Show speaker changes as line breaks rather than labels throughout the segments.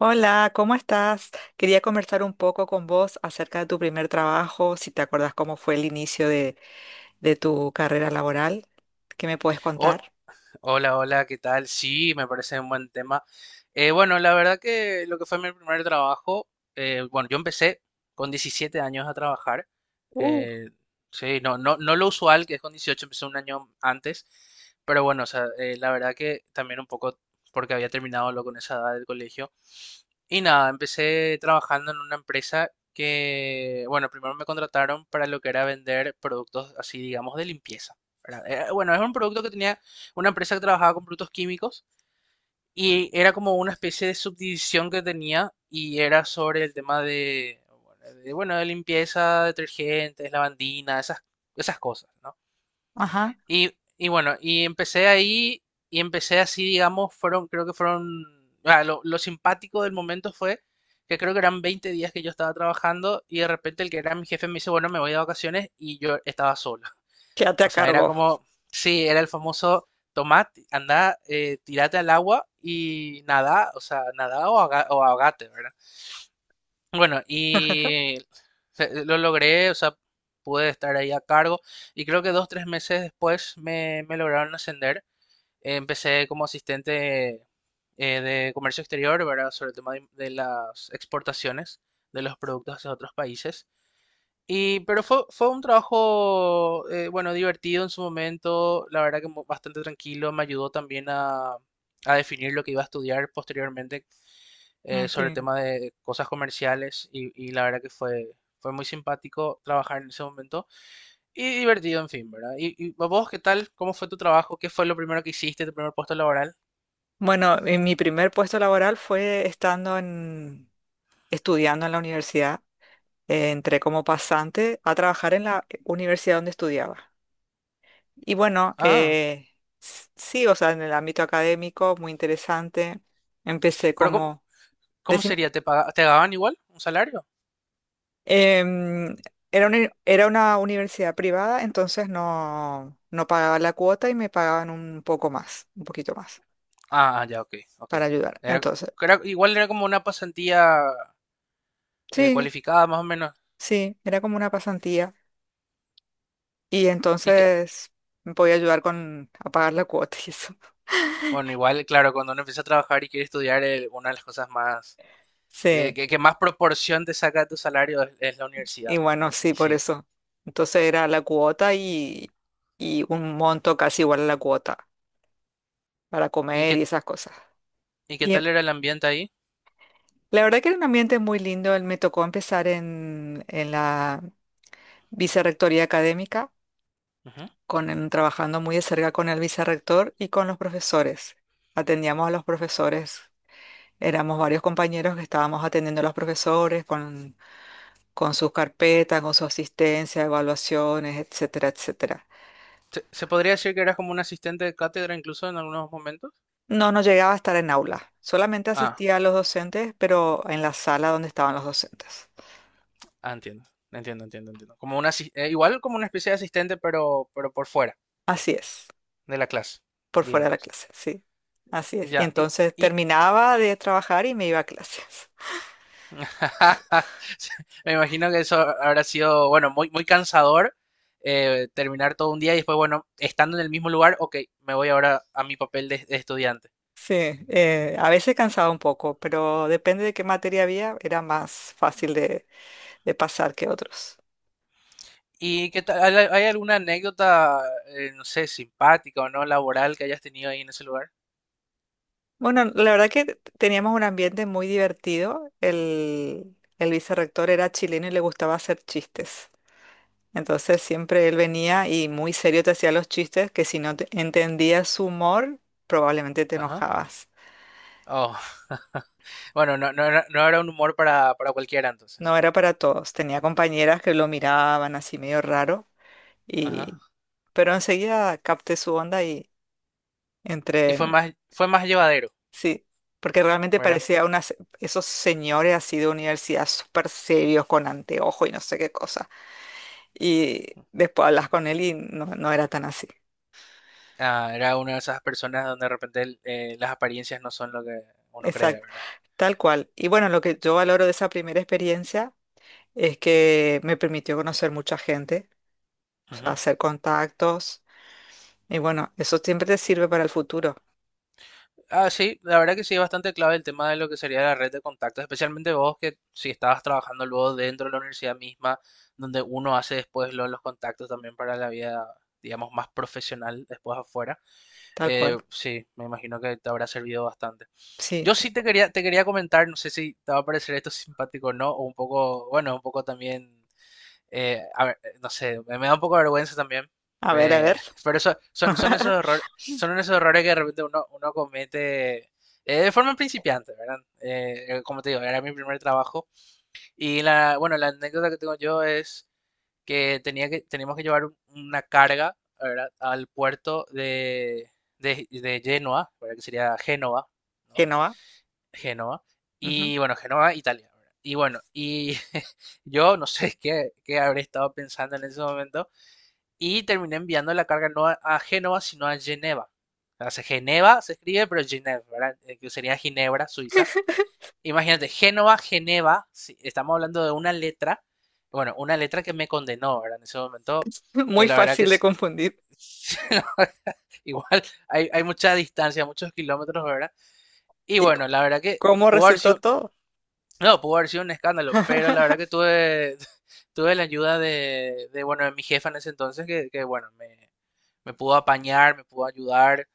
Hola, ¿cómo estás? Quería conversar un poco con vos acerca de tu primer trabajo, si te acuerdas cómo fue el inicio de tu carrera laboral. ¿Qué me puedes
Ho-
contar?
hola, hola, ¿qué tal? Sí, me parece un buen tema. Bueno, la verdad que lo que fue mi primer trabajo, bueno, yo empecé con 17 años a trabajar.
Uh,
eh, sí, no lo usual, que es con 18, empecé un año antes. Pero bueno, o sea, la verdad que también un poco porque había terminado lo con esa edad del colegio. Y nada, empecé trabajando en una empresa que, bueno, primero me contrataron para lo que era vender productos así, digamos, de limpieza, ¿verdad? Bueno, es un producto que tenía una empresa que trabajaba con productos químicos y era como una especie de subdivisión que tenía y era sobre el tema de, bueno, de, bueno, de limpieza, detergentes, lavandina, esas cosas, ¿no?
ajá,
Y, y bueno, y empecé ahí y empecé así, digamos, fueron, creo que fueron, ah, lo simpático del momento fue que creo que eran 20 días que yo estaba trabajando y de repente el que era mi jefe me dice, bueno, me voy de vacaciones y yo estaba solo.
quédate a
O sea, era
cargo.
como, sí, era el famoso, tomá, andá, tirate al agua y nada, o sea, nada o, o ahogate, ¿verdad? Bueno, y lo logré, o sea, pude estar ahí a cargo y creo que dos, tres meses después me lograron ascender. Empecé como asistente de comercio exterior, ¿verdad? Sobre el tema de las exportaciones de los productos hacia otros países. Y, pero fue, fue un trabajo, bueno, divertido en su momento, la verdad que bastante tranquilo, me ayudó también a definir lo que iba a estudiar posteriormente
Ah, qué
sobre el
bien.
tema de cosas comerciales y la verdad que fue, fue muy simpático trabajar en ese momento y divertido, en fin, ¿verdad? Y vos, ¿qué tal? ¿Cómo fue tu trabajo? ¿Qué fue lo primero que hiciste, tu primer puesto laboral?
Bueno, mi primer puesto laboral fue estando en, estudiando en la universidad. Entré como pasante a trabajar en la universidad donde estudiaba. Y bueno,
Ah,
sí, o sea, en el ámbito académico, muy interesante. Empecé
pero ¿cómo,
como...
cómo sería? ¿Te pagaban igual un salario?
Em, era una universidad privada, entonces no, no pagaba la cuota y me pagaban un poco más, un poquito más
Ah, ah, ya, ok, ok.
para ayudar.
Era,
Entonces,
Igual era como una pasantía
sí,
cualificada, más o menos.
sí, era como una pasantía y
Y que,
entonces me podía ayudar con a pagar la cuota y eso.
bueno, igual, claro, cuando uno empieza a trabajar y quiere estudiar, una de las cosas más,
Sí,
que más proporción te saca de tu salario es la
y
universidad.
bueno,
Y
sí, por
sí.
eso. Entonces era la cuota y un monto casi igual a la cuota para
¿Y
comer y
qué,
esas cosas.
y qué
Y
tal era el ambiente ahí?
la verdad que era un ambiente muy lindo. Me tocó empezar en la Vicerrectoría académica,
Ujú.
con el- trabajando muy de cerca con el vicerrector y con los profesores. Atendíamos a los profesores. Éramos varios compañeros que estábamos atendiendo a los profesores con sus carpetas, con su asistencia, evaluaciones, etcétera, etcétera.
¿Se, se podría decir que eras como un asistente de cátedra incluso en algunos momentos?
No, no llegaba a estar en aula. Solamente
Ah,
asistía a los docentes, pero en la sala donde estaban los docentes.
ah, entiendo, entiendo. Como una, igual como una especie de asistente, pero por fuera
Así es,
de la clase,
por fuera de la
digamos.
clase, sí. Así es. Y
Ya,
entonces
y
terminaba de trabajar y me iba a clases.
Sí, me imagino que eso habrá sido, bueno, muy, muy cansador terminar todo un día y después, bueno, estando en el mismo lugar, ok, me voy ahora a mi papel de estudiante.
Sí, a veces cansaba un poco, pero depende de qué materia había, era más fácil de pasar que otros.
¿Y qué tal? ¿Hay hay alguna anécdota, no sé, simpática o no laboral que hayas tenido ahí en ese lugar?
Bueno, la verdad que teníamos un ambiente muy divertido. El vicerrector era chileno y le gustaba hacer chistes. Entonces siempre él venía y muy serio te hacía los chistes que si no entendías su humor, probablemente te
Ajá.
enojabas.
Oh. Bueno, no, no era, no era un humor para cualquiera entonces.
No era para todos. Tenía compañeras que lo miraban así medio raro
Ajá.
y... Pero enseguida capté su onda y
Y
entré.
fue más llevadero,
Sí, porque realmente
¿verdad?
parecía unas, esos señores así de universidad súper serios, con anteojo y no sé qué cosa. Y después hablas con él y no, no era tan así.
Ah, era una de esas personas donde de repente las apariencias no son lo que uno cree,
Exacto,
¿verdad?
tal cual. Y bueno, lo que yo valoro de esa primera experiencia es que me permitió conocer mucha gente, o sea, hacer contactos. Y bueno, eso siempre te sirve para el futuro,
Ah, sí, la verdad que sí es bastante clave el tema de lo que sería la red de contactos, especialmente vos que si estabas trabajando luego dentro de la universidad misma, donde uno hace después los contactos también para la vida, digamos, más profesional después afuera.
tal cual.
Sí, me imagino que te habrá servido bastante.
Sí,
Yo sí te quería comentar, no sé si te va a parecer esto simpático o no, o un poco, bueno, un poco también a ver, no sé, me da un poco de vergüenza también.
a ver, a
eh,
ver.
pero eso, son, son esos errores que de repente uno, uno comete de forma principiante, ¿verdad? Como te digo, era mi primer trabajo. Y la, bueno, la anécdota que tengo yo es que tenía que, teníamos que llevar una carga, ¿verdad? Al puerto de, de Génova, ¿verdad? Que sería Génova, ¿no?
Que no va.
Génova.
Ujú.
Y bueno, Génova, Italia. Y bueno, y yo no sé qué, qué habré estado pensando en ese momento. Y terminé enviando la carga no a, a Génova, sino a Geneva. O sea, Geneva se escribe, pero Geneva, ¿verdad? Que sería Ginebra, Suiza. Imagínate, Génova, Geneva, sí, estamos hablando de una letra, bueno, una letra que me condenó, ¿verdad? En ese momento, que
Muy
la verdad que
fácil de confundir.
la verdad, igual hay, hay mucha distancia, muchos kilómetros, ¿verdad? Y
¿Y
bueno, la verdad que
cómo
pudo haber
resultó
sido
todo?
no, pudo haber sido un escándalo, pero la verdad que tuve, tuve la ayuda de, bueno, de mi jefa en ese entonces, que, bueno, me pudo apañar, me pudo ayudar,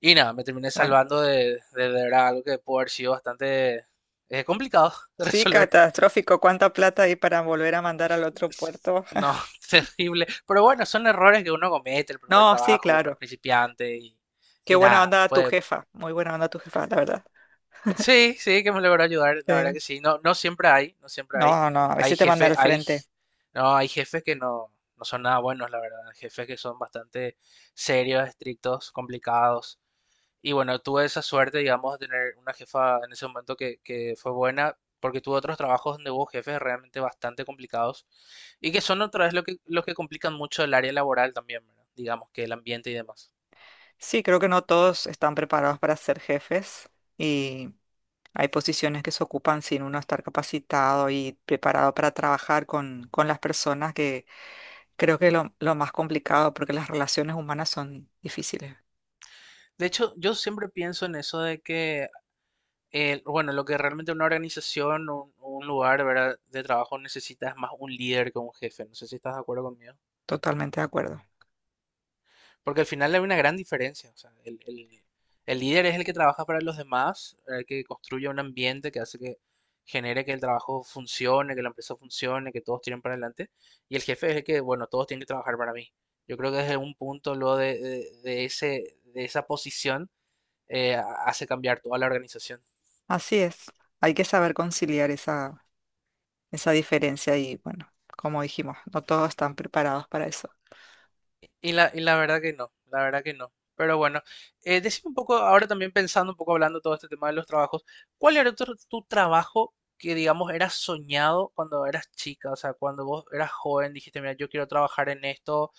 y nada, me terminé
Bueno,
salvando de verdad algo que pudo haber sido bastante complicado de
sí,
resolver.
catastrófico. ¿Cuánta plata hay para volver a mandar al otro puerto?
No, terrible. Pero bueno, son errores que uno comete el primer
No, sí,
trabajo, uno es
claro.
principiante
Qué
y
buena
nada,
onda tu
puede,
jefa. Muy buena onda tu jefa, la verdad.
Sí, sí, que me logró ayudar, la verdad
Eh,
que sí. No siempre hay, no siempre hay.
No, no, a
Hay
veces te manda
jefes,
al
hay,
frente.
no, hay jefes que no, no son nada buenos, la verdad. Jefes que son bastante serios, estrictos, complicados. Y bueno, tuve esa suerte, digamos, de tener una jefa en ese momento que fue buena, porque tuve otros trabajos donde hubo jefes realmente bastante complicados y que son otra vez lo que, los que complican mucho el área laboral también, ¿verdad? Digamos que el ambiente y demás.
Sí, creo que no todos están preparados para ser jefes y hay posiciones que se ocupan sin uno estar capacitado y preparado para trabajar con las personas, que creo que es lo más complicado porque las relaciones humanas son difíciles.
De hecho, yo siempre pienso en eso de que bueno, lo que realmente una organización o un lugar, ¿verdad? De trabajo necesita es más un líder que un jefe. No sé si estás de acuerdo conmigo.
Totalmente de acuerdo.
Porque al final hay una gran diferencia. O sea, el, el líder es el que trabaja para los demás, el que construye un ambiente que hace que genere que el trabajo funcione, que la empresa funcione, que todos tiren para adelante. Y el jefe es el que, bueno, todos tienen que trabajar para mí. Yo creo que desde un punto lo de, de ese, de esa posición eh, hace cambiar toda la organización.
Así es, hay que saber conciliar esa, esa diferencia y bueno, como dijimos, no todos están preparados para eso.
Y la verdad que no, la verdad que no. Pero bueno, decime un poco, ahora también pensando un poco, hablando todo este tema de los trabajos, ¿cuál era tu, tu trabajo que, digamos, era soñado cuando eras chica? O sea, cuando vos eras joven, dijiste, mira, yo quiero trabajar en esto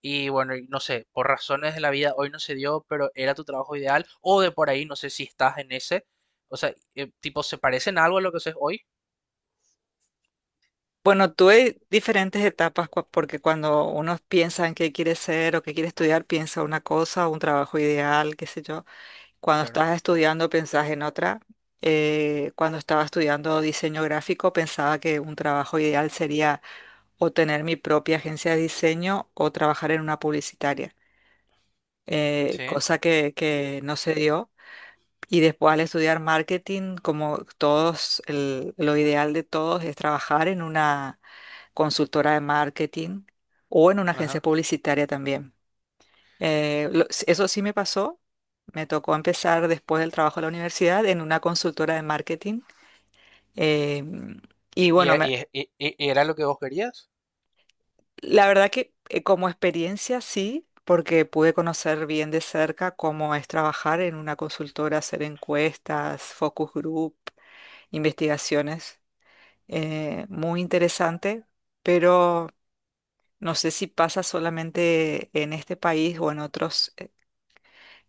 y bueno, y no sé, por razones de la vida hoy no se dio, pero era tu trabajo ideal o de por ahí, no sé si estás en ese. O sea, tipo, ¿se parecen algo a lo que haces hoy?
Bueno, tuve diferentes etapas porque cuando uno piensa en qué quiere ser o qué quiere estudiar, piensa una cosa, un trabajo ideal, qué sé yo. Cuando
Claro.
estás estudiando, pensás en otra. Cuando estaba estudiando diseño gráfico, pensaba que un trabajo ideal sería o tener mi propia agencia de diseño o trabajar en una publicitaria,
Sí,
cosa que no se dio. Y después al estudiar marketing, como todos, lo ideal de todos es trabajar en una consultora de marketing o en una agencia
ajá.
publicitaria también. Eso sí me pasó. Me tocó empezar después del trabajo de la universidad en una consultora de marketing. Eh,
¿Y,
y bueno,
era lo que vos querías?
la verdad que como experiencia sí, porque pude conocer bien de cerca cómo es trabajar en una consultora, hacer encuestas, focus group, investigaciones. Muy interesante, pero no sé si pasa solamente en este país o en otros. eh,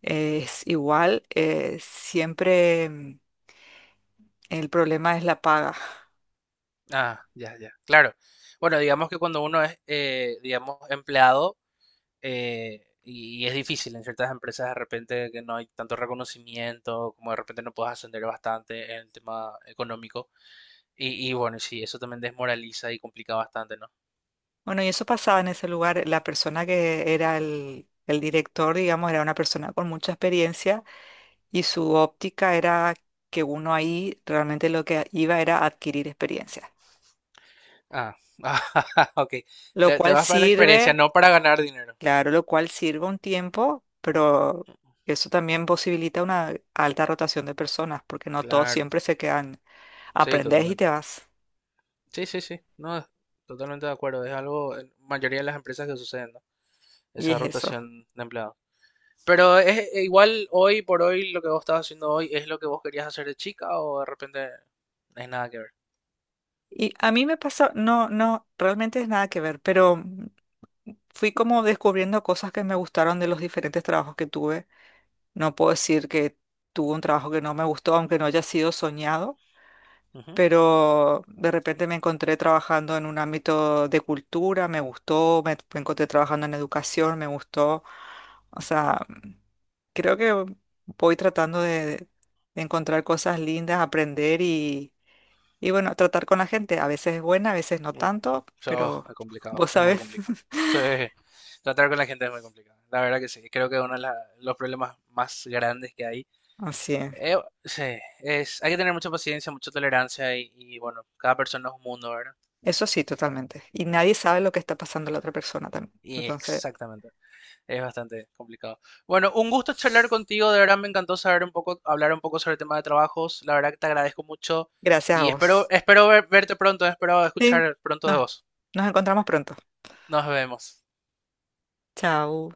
eh, Es igual, el problema es la paga.
Ah, ya, ya, claro. Bueno, digamos que cuando uno es, digamos, empleado, y es difícil en ciertas empresas de repente que no hay tanto reconocimiento, como de repente no puedes ascender bastante en el tema económico. Y bueno, sí, eso también desmoraliza y complica bastante, ¿no?
Bueno, y eso pasaba en ese lugar. La persona que era el director, digamos, era una persona con mucha experiencia y su óptica era que uno ahí realmente lo que iba era adquirir experiencia,
Ah, ah, ok.
lo
Te
cual
vas para la experiencia,
sirve.
no para ganar dinero.
Claro, lo cual sirve un tiempo, pero eso también posibilita una alta rotación de personas, porque no todos
Claro,
siempre se quedan.
sí,
Aprendes y
totalmente.
te vas.
Sí, sí, sí, no, totalmente de acuerdo. Es algo en mayoría de las empresas que suceden, ¿no?
Y
Esa
es eso.
rotación de empleados. Pero es igual hoy por hoy lo que vos estás haciendo hoy es lo que vos querías hacer de chica o de repente no es nada que ver.
Y a mí me pasó, no, no, realmente es nada que ver, pero fui como descubriendo cosas que me gustaron de los diferentes trabajos que tuve. No puedo decir que tuve un trabajo que no me gustó, aunque no haya sido soñado,
Ujú.
pero de repente me encontré trabajando en un ámbito de cultura, me gustó, me encontré trabajando en educación, me gustó. O sea, creo que voy tratando de encontrar cosas lindas, aprender y bueno, tratar con la gente. A veces es buena, a veces no
Uh,
tanto,
Eso
pero
es complicado,
vos
es muy
sabés.
complicado. Sí, tratar con la gente es muy complicado. La verdad que sí, creo que uno de los problemas más grandes que hay.
Así es.
eh, sí, es, hay que tener mucha paciencia, mucha tolerancia y bueno, cada persona es un mundo, ¿verdad?
Eso sí, totalmente. Y nadie sabe lo que está pasando la otra persona también.
Y
Entonces,
exactamente. Es bastante complicado. Bueno, un gusto charlar contigo. De verdad me encantó saber un poco, hablar un poco sobre el tema de trabajos. La verdad que te agradezco mucho
gracias a
y espero,
vos.
espero verte pronto, espero
Sí,
escuchar pronto de
nos,
vos.
nos encontramos pronto.
Nos vemos.
Chao.